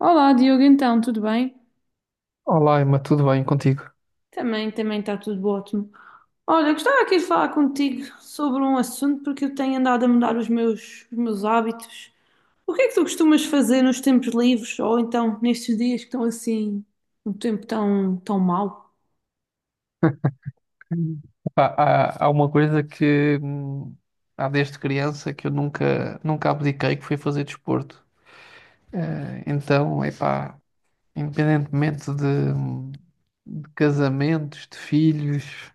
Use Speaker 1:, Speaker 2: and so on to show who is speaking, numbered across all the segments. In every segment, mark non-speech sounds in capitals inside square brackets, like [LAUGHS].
Speaker 1: Olá, Diogo, então, tudo bem?
Speaker 2: Olá, Emma, tudo bem contigo?
Speaker 1: Também está tudo ótimo. Olha, gostava aqui de falar contigo sobre um assunto porque eu tenho andado a mudar os meus hábitos. O que é que tu costumas fazer nos tempos livres ou então nestes dias que estão assim, um tempo tão, tão mau?
Speaker 2: Hum. Epá, há uma coisa que, há desde criança que eu nunca abdiquei, que foi fazer desporto. Então, epá, independentemente de de casamentos, de filhos,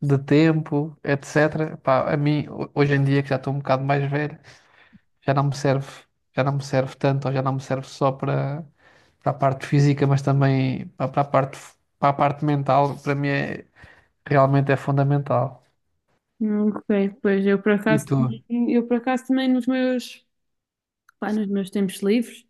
Speaker 2: de tempo, etc., epá, a mim, hoje em dia, que já estou um bocado mais velho, já não me serve, já não me serve tanto, ou já não me serve só para a parte física, mas também para a para a parte mental, para mim realmente é fundamental.
Speaker 1: Ok. Pois eu por
Speaker 2: E
Speaker 1: acaso,
Speaker 2: tu?
Speaker 1: também- eu por acaso também pá, nos meus tempos livres.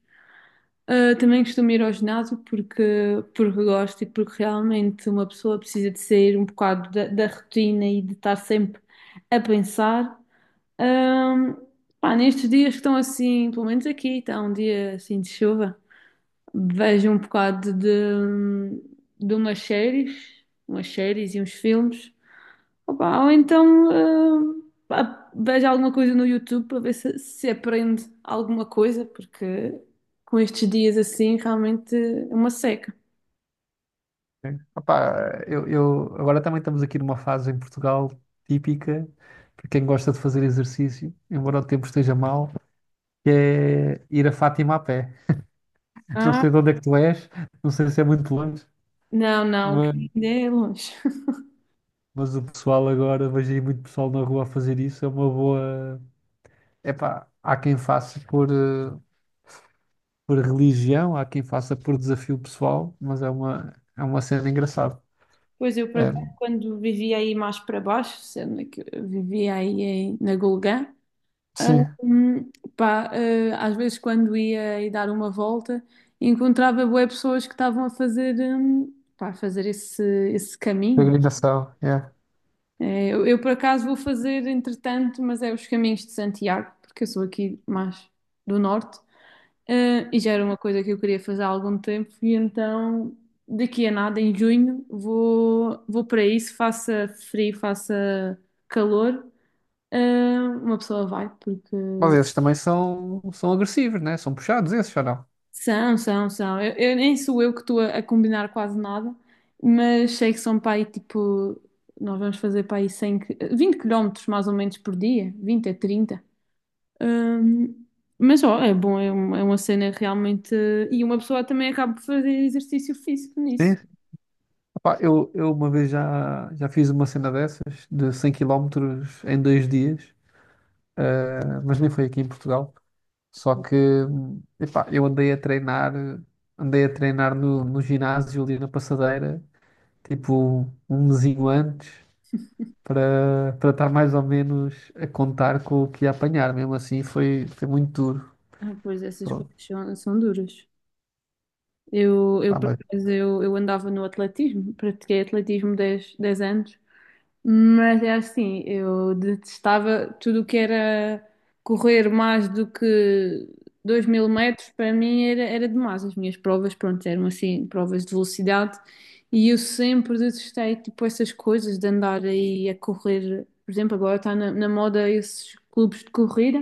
Speaker 1: Ah, também costumo ir ao ginásio porque gosto e porque realmente uma pessoa precisa de sair um bocado da rotina e de estar sempre a pensar. Ahm, Pá, nestes dias que estão assim, pelo menos aqui, está um dia assim de chuva, vejo um bocado de umas séries e uns filmes. Opa, ou então pá, veja alguma coisa no YouTube para ver se aprende alguma coisa, porque com estes dias assim realmente é uma seca.
Speaker 2: Opá, agora também estamos aqui numa fase em Portugal típica para quem gosta de fazer exercício, embora o tempo esteja mau, que é ir a Fátima a pé. [LAUGHS] Não
Speaker 1: Ah,
Speaker 2: sei de onde é que tu és, não sei se é muito longe,
Speaker 1: não, não,
Speaker 2: mas,
Speaker 1: que ainda é longe. [LAUGHS]
Speaker 2: mas o pessoal agora, vejo aí muito pessoal na rua a fazer isso, é uma boa. Epá, há quem faça por por religião, há quem faça por desafio pessoal, mas é é uma cena engraçada.
Speaker 1: Pois eu, por
Speaker 2: É,
Speaker 1: acaso, quando vivia aí mais para baixo, sendo que eu vivia aí na Gulgã, ah,
Speaker 2: sim,
Speaker 1: hum, pá, às vezes quando ia aí dar uma volta, encontrava bué pessoas que estavam a fazer, pá, a fazer esse caminho.
Speaker 2: peregrinação.
Speaker 1: É, eu, por acaso vou fazer entretanto, mas é os caminhos de Santiago, porque eu sou aqui mais do norte. E já era uma coisa que eu queria fazer há algum tempo, e então daqui a nada, em junho, vou para isso, faça frio, faça calor. Uma pessoa vai, porque
Speaker 2: Mas esses também são, são agressivos, né? São puxados esses, ou não?
Speaker 1: são, são, são. Eu nem sou eu que estou a combinar quase nada, mas sei que são para aí tipo. Nós vamos fazer para aí 100, 20 quilómetros mais ou menos por dia, 20 a 30. Hum, mas ó, é bom, é, é uma cena realmente. E uma pessoa também acaba por fazer exercício físico
Speaker 2: Sim.
Speaker 1: nisso.
Speaker 2: Opá, eu uma vez já, já fiz uma cena dessas, de 100 quilómetros em dois dias, eh, mas nem foi aqui em Portugal. Só que, epá, eu andei a treinar no ginásio ali na passadeira, tipo um mesinho antes, para estar mais ou menos a contar com o que ia apanhar. Mesmo assim, foi, foi muito duro.
Speaker 1: Ah, pois essas
Speaker 2: Pronto.
Speaker 1: coisas são duras.
Speaker 2: Pá,
Speaker 1: Por
Speaker 2: mas
Speaker 1: acaso, eu andava no atletismo, pratiquei atletismo dez anos. Mas é assim, eu detestava tudo o que era correr mais do que 2000 metros, para mim era demais. As minhas provas, pronto, eram assim, provas de velocidade, e eu sempre detestei, tipo, essas coisas de andar aí a correr. Por exemplo, agora está na moda esses clubes de corrida.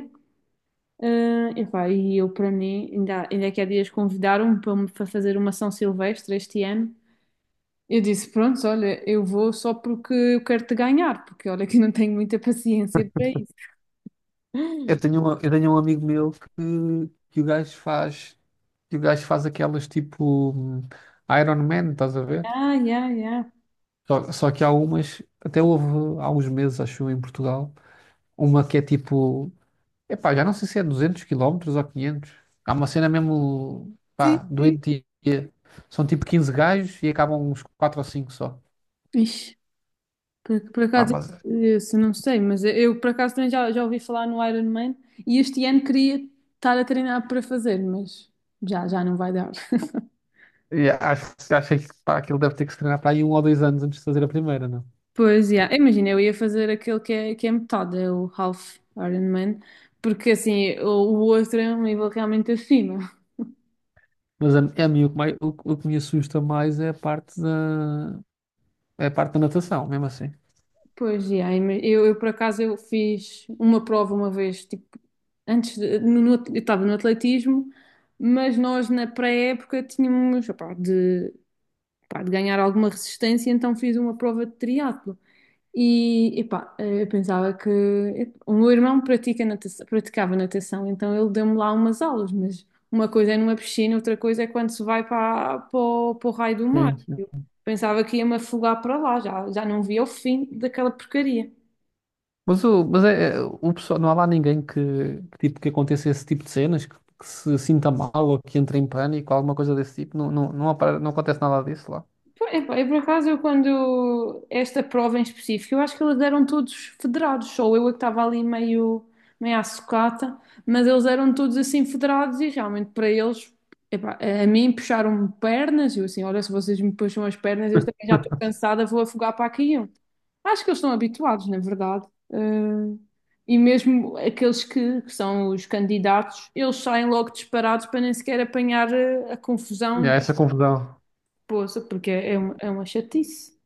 Speaker 1: Ah, e pá, e eu, para mim, ainda, ainda que há dias convidaram-me para me fazer uma São Silvestre este ano. Eu disse, pronto, olha, eu vou só porque eu quero te ganhar, porque olha que eu não tenho muita paciência para isso.
Speaker 2: eu tenho um amigo meu que o gajo faz, que o gajo faz aquelas tipo Iron Man, estás a ver?
Speaker 1: Ah, yeah, yeah.
Speaker 2: Só, só que há umas, até houve há uns meses, acho eu, em Portugal, uma que é tipo, epá, já não sei se é 200 quilómetros ou 500. Há uma cena mesmo,
Speaker 1: Sim,
Speaker 2: pá,
Speaker 1: sim.
Speaker 2: doentia. São tipo 15 gajos e acabam uns 4 ou 5 só.
Speaker 1: Ixi, por
Speaker 2: Pá,
Speaker 1: acaso,
Speaker 2: mas
Speaker 1: isso não sei, mas por acaso também já ouvi falar no Ironman e este ano queria estar a treinar para fazer, mas já não vai dar. [LAUGHS]
Speaker 2: yeah, acho, acho que pá, aquilo deve ter que se treinar para aí um ou dois anos antes de fazer a primeira, não?
Speaker 1: Pois, yeah. Imagina, eu ia fazer aquele que é metade, é o Half Ironman, porque assim, o outro é um nível realmente acima.
Speaker 2: É a mim o que o que me assusta mais é a parte é a parte da natação, mesmo assim.
Speaker 1: Pois, e aí, mas eu por acaso eu fiz uma prova uma vez, tipo, antes de- no- no- eu estava no atletismo, mas nós na pré-época tínhamos, opá, pá, de ganhar alguma resistência, então fiz uma prova de triatlo. E, epá, eu pensava que o meu irmão pratica natação, praticava natação, então ele deu-me lá umas aulas, mas uma coisa é numa piscina, outra coisa é quando se vai para o raio do mar.
Speaker 2: Sim,
Speaker 1: Eu
Speaker 2: sim.
Speaker 1: pensava que ia-me afogar para lá, já não via o fim daquela porcaria.
Speaker 2: Mas o pessoal, não há lá ninguém tipo, que aconteça esse tipo de cenas, que se sinta mal ou que entre em pânico, alguma coisa desse tipo. Não, não, não, não acontece nada disso lá.
Speaker 1: Pô, epá, eu quando esta prova em específico, eu acho que eles eram todos federados, só eu é que estava ali meio à sucata, mas eles eram todos assim federados e realmente para eles, epá, a mim puxaram-me pernas, e eu assim, olha, se vocês me puxam as pernas, eu também já estou
Speaker 2: [LAUGHS]
Speaker 1: cansada, vou afogar para aqui. Eu. Acho que eles estão habituados, na verdade. Eh, e mesmo aqueles que são os candidatos, eles saem logo disparados para nem sequer apanhar a
Speaker 2: E
Speaker 1: confusão.
Speaker 2: há essa confusão.
Speaker 1: Poça, porque é uma chatice.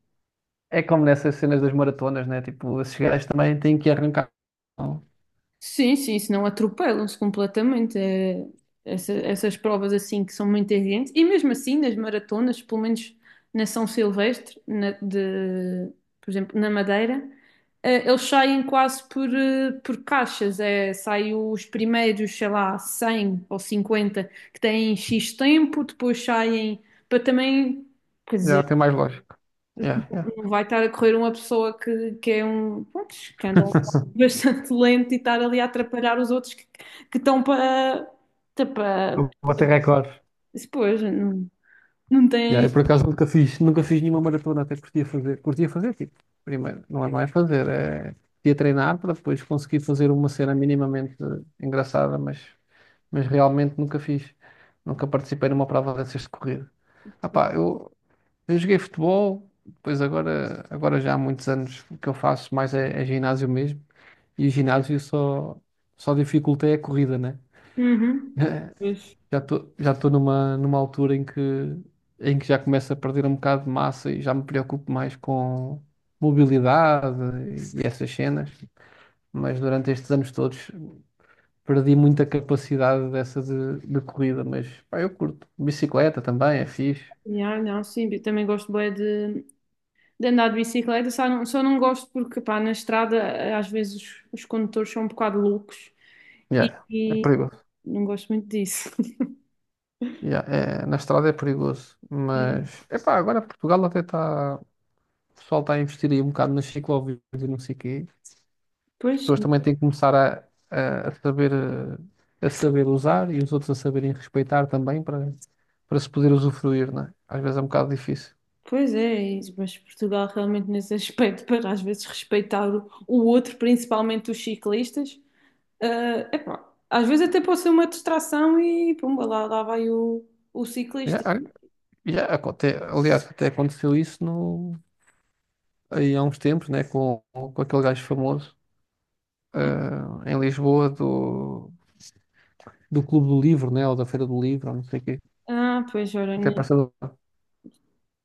Speaker 2: É como nessas cenas das maratonas, né? Tipo, esses gajos também têm que arrancar. Não.
Speaker 1: Sim, sim, senão atropelam-se completamente. Essas provas assim que são muito exigentes. E mesmo assim, nas maratonas, pelo menos na São Silvestre, de, por exemplo, na Madeira, eles saem quase por caixas. É, saem os primeiros, sei lá, 100 ou 50 que têm X tempo, depois saem para também.
Speaker 2: Já tem mais lógico. Yeah, yeah.
Speaker 1: Não vai estar a correr uma pessoa que é um, pronto, que anda
Speaker 2: [LAUGHS]
Speaker 1: bastante [LAUGHS] lento e estar ali a atrapalhar os outros que estão para, tá para,
Speaker 2: Vou bater recordes.
Speaker 1: pois, não, não
Speaker 2: Yeah,
Speaker 1: tem.
Speaker 2: eu por acaso nunca fiz, nunca fiz nenhuma maratona, até curtia fazer, tipo, primeiro, não é, não é fazer, é curtia treinar para depois conseguir fazer uma cena minimamente engraçada, mas realmente nunca fiz, nunca participei numa prova dessas de corrida. Ah pá, eu joguei futebol, depois agora, agora já há muitos anos o que eu faço mais é ginásio mesmo, e o ginásio só, só dificulta é a corrida, né?
Speaker 1: Uhum. Pois.
Speaker 2: Já estou numa, numa altura em que já começo a perder um bocado de massa e já me preocupo mais com mobilidade e, essas cenas. Mas durante estes anos todos perdi muita capacidade dessa de corrida. Mas pá, eu curto. Bicicleta também é fixe.
Speaker 1: Yeah, não, sim, eu também gosto bem de andar de bicicleta, só não gosto porque, pá, na estrada às vezes os condutores são um bocado loucos e,
Speaker 2: Yeah, é
Speaker 1: e
Speaker 2: perigoso.
Speaker 1: não gosto muito disso. [LAUGHS]
Speaker 2: Yeah, é- na estrada é perigoso.
Speaker 1: É.
Speaker 2: Mas epá, agora Portugal até está. O pessoal está a investir aí um bocado nas ciclovias e não sei o quê. As
Speaker 1: Pois,
Speaker 2: pessoas também têm que começar a saber, eh, a saber usar e os outros a saberem respeitar também para, para se poder usufruir, não é? Às vezes é um bocado difícil.
Speaker 1: Pois é isso, mas Portugal realmente nesse aspecto, para às vezes respeitar o outro, principalmente os ciclistas, epá, às vezes até pode ser uma distração e pumba, lá vai o
Speaker 2: Já,
Speaker 1: ciclista.
Speaker 2: Aliás, até aconteceu isso no, aí há uns tempos, né, com aquele gajo famoso eh, em Lisboa do Clube do Livro, né, ou da Feira do Livro, ou não sei o quê.
Speaker 1: Ah, pois olha, né,
Speaker 2: Até passou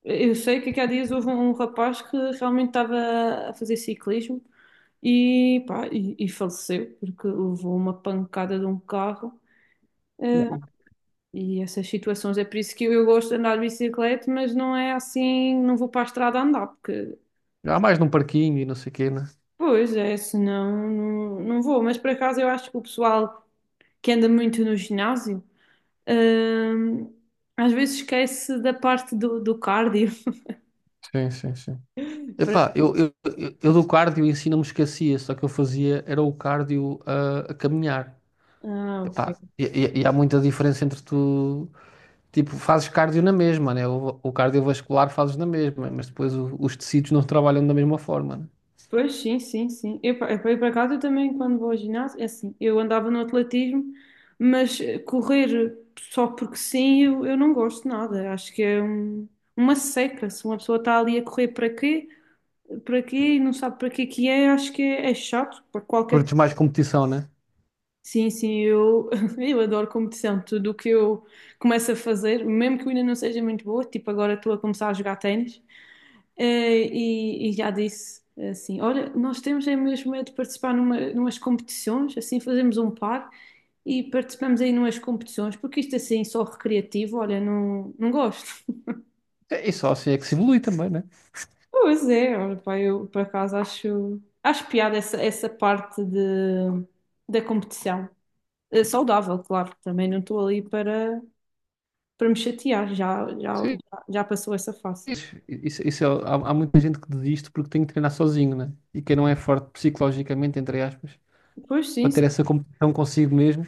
Speaker 1: eu sei que aqui há dias houve um rapaz que realmente estava a fazer ciclismo e, pá, e faleceu porque levou uma pancada de um carro. eh, e essas situações, é por isso que eu gosto de andar de bicicleta, mas não é assim, não vou para a estrada andar, porque
Speaker 2: há mais num parquinho e não sei o quê, né?
Speaker 1: pois é, senão não, não vou. Mas por acaso eu acho que o pessoal que anda muito no ginásio, hum, às vezes esquece da parte do cardio.
Speaker 2: Sim, sim, sim.
Speaker 1: [LAUGHS] Por-
Speaker 2: Epá, eu do cardio em si não me esquecia, só que eu fazia era o cardio a caminhar.
Speaker 1: Ah,
Speaker 2: Epá,
Speaker 1: ok.
Speaker 2: e há muita diferença entre tu, tipo, fazes cardio na mesma, né? O cardiovascular fazes na mesma, mas depois os tecidos não trabalham da mesma forma, né?
Speaker 1: Pois sim, sim, sim. Eu, por acaso eu também quando vou ao ginásio, é assim, eu andava no atletismo, mas correr só porque sim, eu não gosto de nada. Acho que é uma seca. Se uma pessoa está ali a correr para quê? Para quê e não sabe para quê que é, acho que é chato para qualquer.
Speaker 2: Curtes mais competição, né?
Speaker 1: Sim, sim, eu, [LAUGHS] eu adoro competição. Tudo o que eu começo a fazer, mesmo que eu ainda não seja muito boa, tipo agora estou a começar a jogar ténis. E já disse assim: olha, nós temos é mesmo é de participar numas competições, assim fazemos um par e participamos aí numas competições, porque isto assim só recreativo, olha, não, não gosto. [LAUGHS]
Speaker 2: E só assim é que se evolui também, né?
Speaker 1: Pois é, olha, pá, eu por acaso acho piada essa parte da competição. Saudável, claro, também não estou ali para. Me chatear, já, já,
Speaker 2: Sim.
Speaker 1: já passou essa fase.
Speaker 2: Isso é- há, há muita gente que desiste porque tem que treinar sozinho, né? E quem não é forte psicologicamente, entre aspas,
Speaker 1: Pois sim,
Speaker 2: para
Speaker 1: sim.
Speaker 2: ter essa competição consigo mesmo.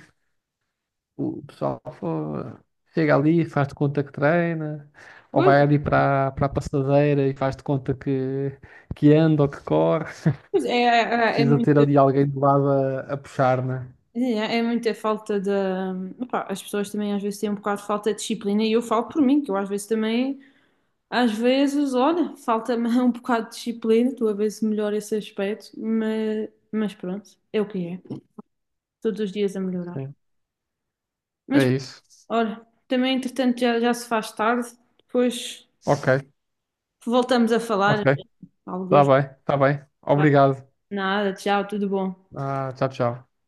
Speaker 2: O pessoal fo- chega ali, faz de conta que treina, ou
Speaker 1: Pois,
Speaker 2: vai ali para a passadeira e faz de conta que anda ou que corre.
Speaker 1: pois é,
Speaker 2: [LAUGHS] Precisa ter ali alguém do lado a puxar, né?
Speaker 1: é muita falta de. Opá, as pessoas também às vezes têm um bocado de falta de disciplina e eu falo por mim, que eu às vezes também, às vezes, olha, falta-me [LAUGHS] um bocado de disciplina, tu a ver se melhora esse aspecto, mas, pronto, é o que é. Todos os dias a melhorar.
Speaker 2: Sim. É
Speaker 1: Mas
Speaker 2: isso.
Speaker 1: olha, também entretanto já se faz tarde, depois
Speaker 2: Ok,
Speaker 1: voltamos a
Speaker 2: ok.
Speaker 1: falar.
Speaker 2: Tá
Speaker 1: Alguns,
Speaker 2: bem, tá bem.
Speaker 1: vá,
Speaker 2: Obrigado.
Speaker 1: nada, tchau, tudo bom.
Speaker 2: Ah, tchau, tchau.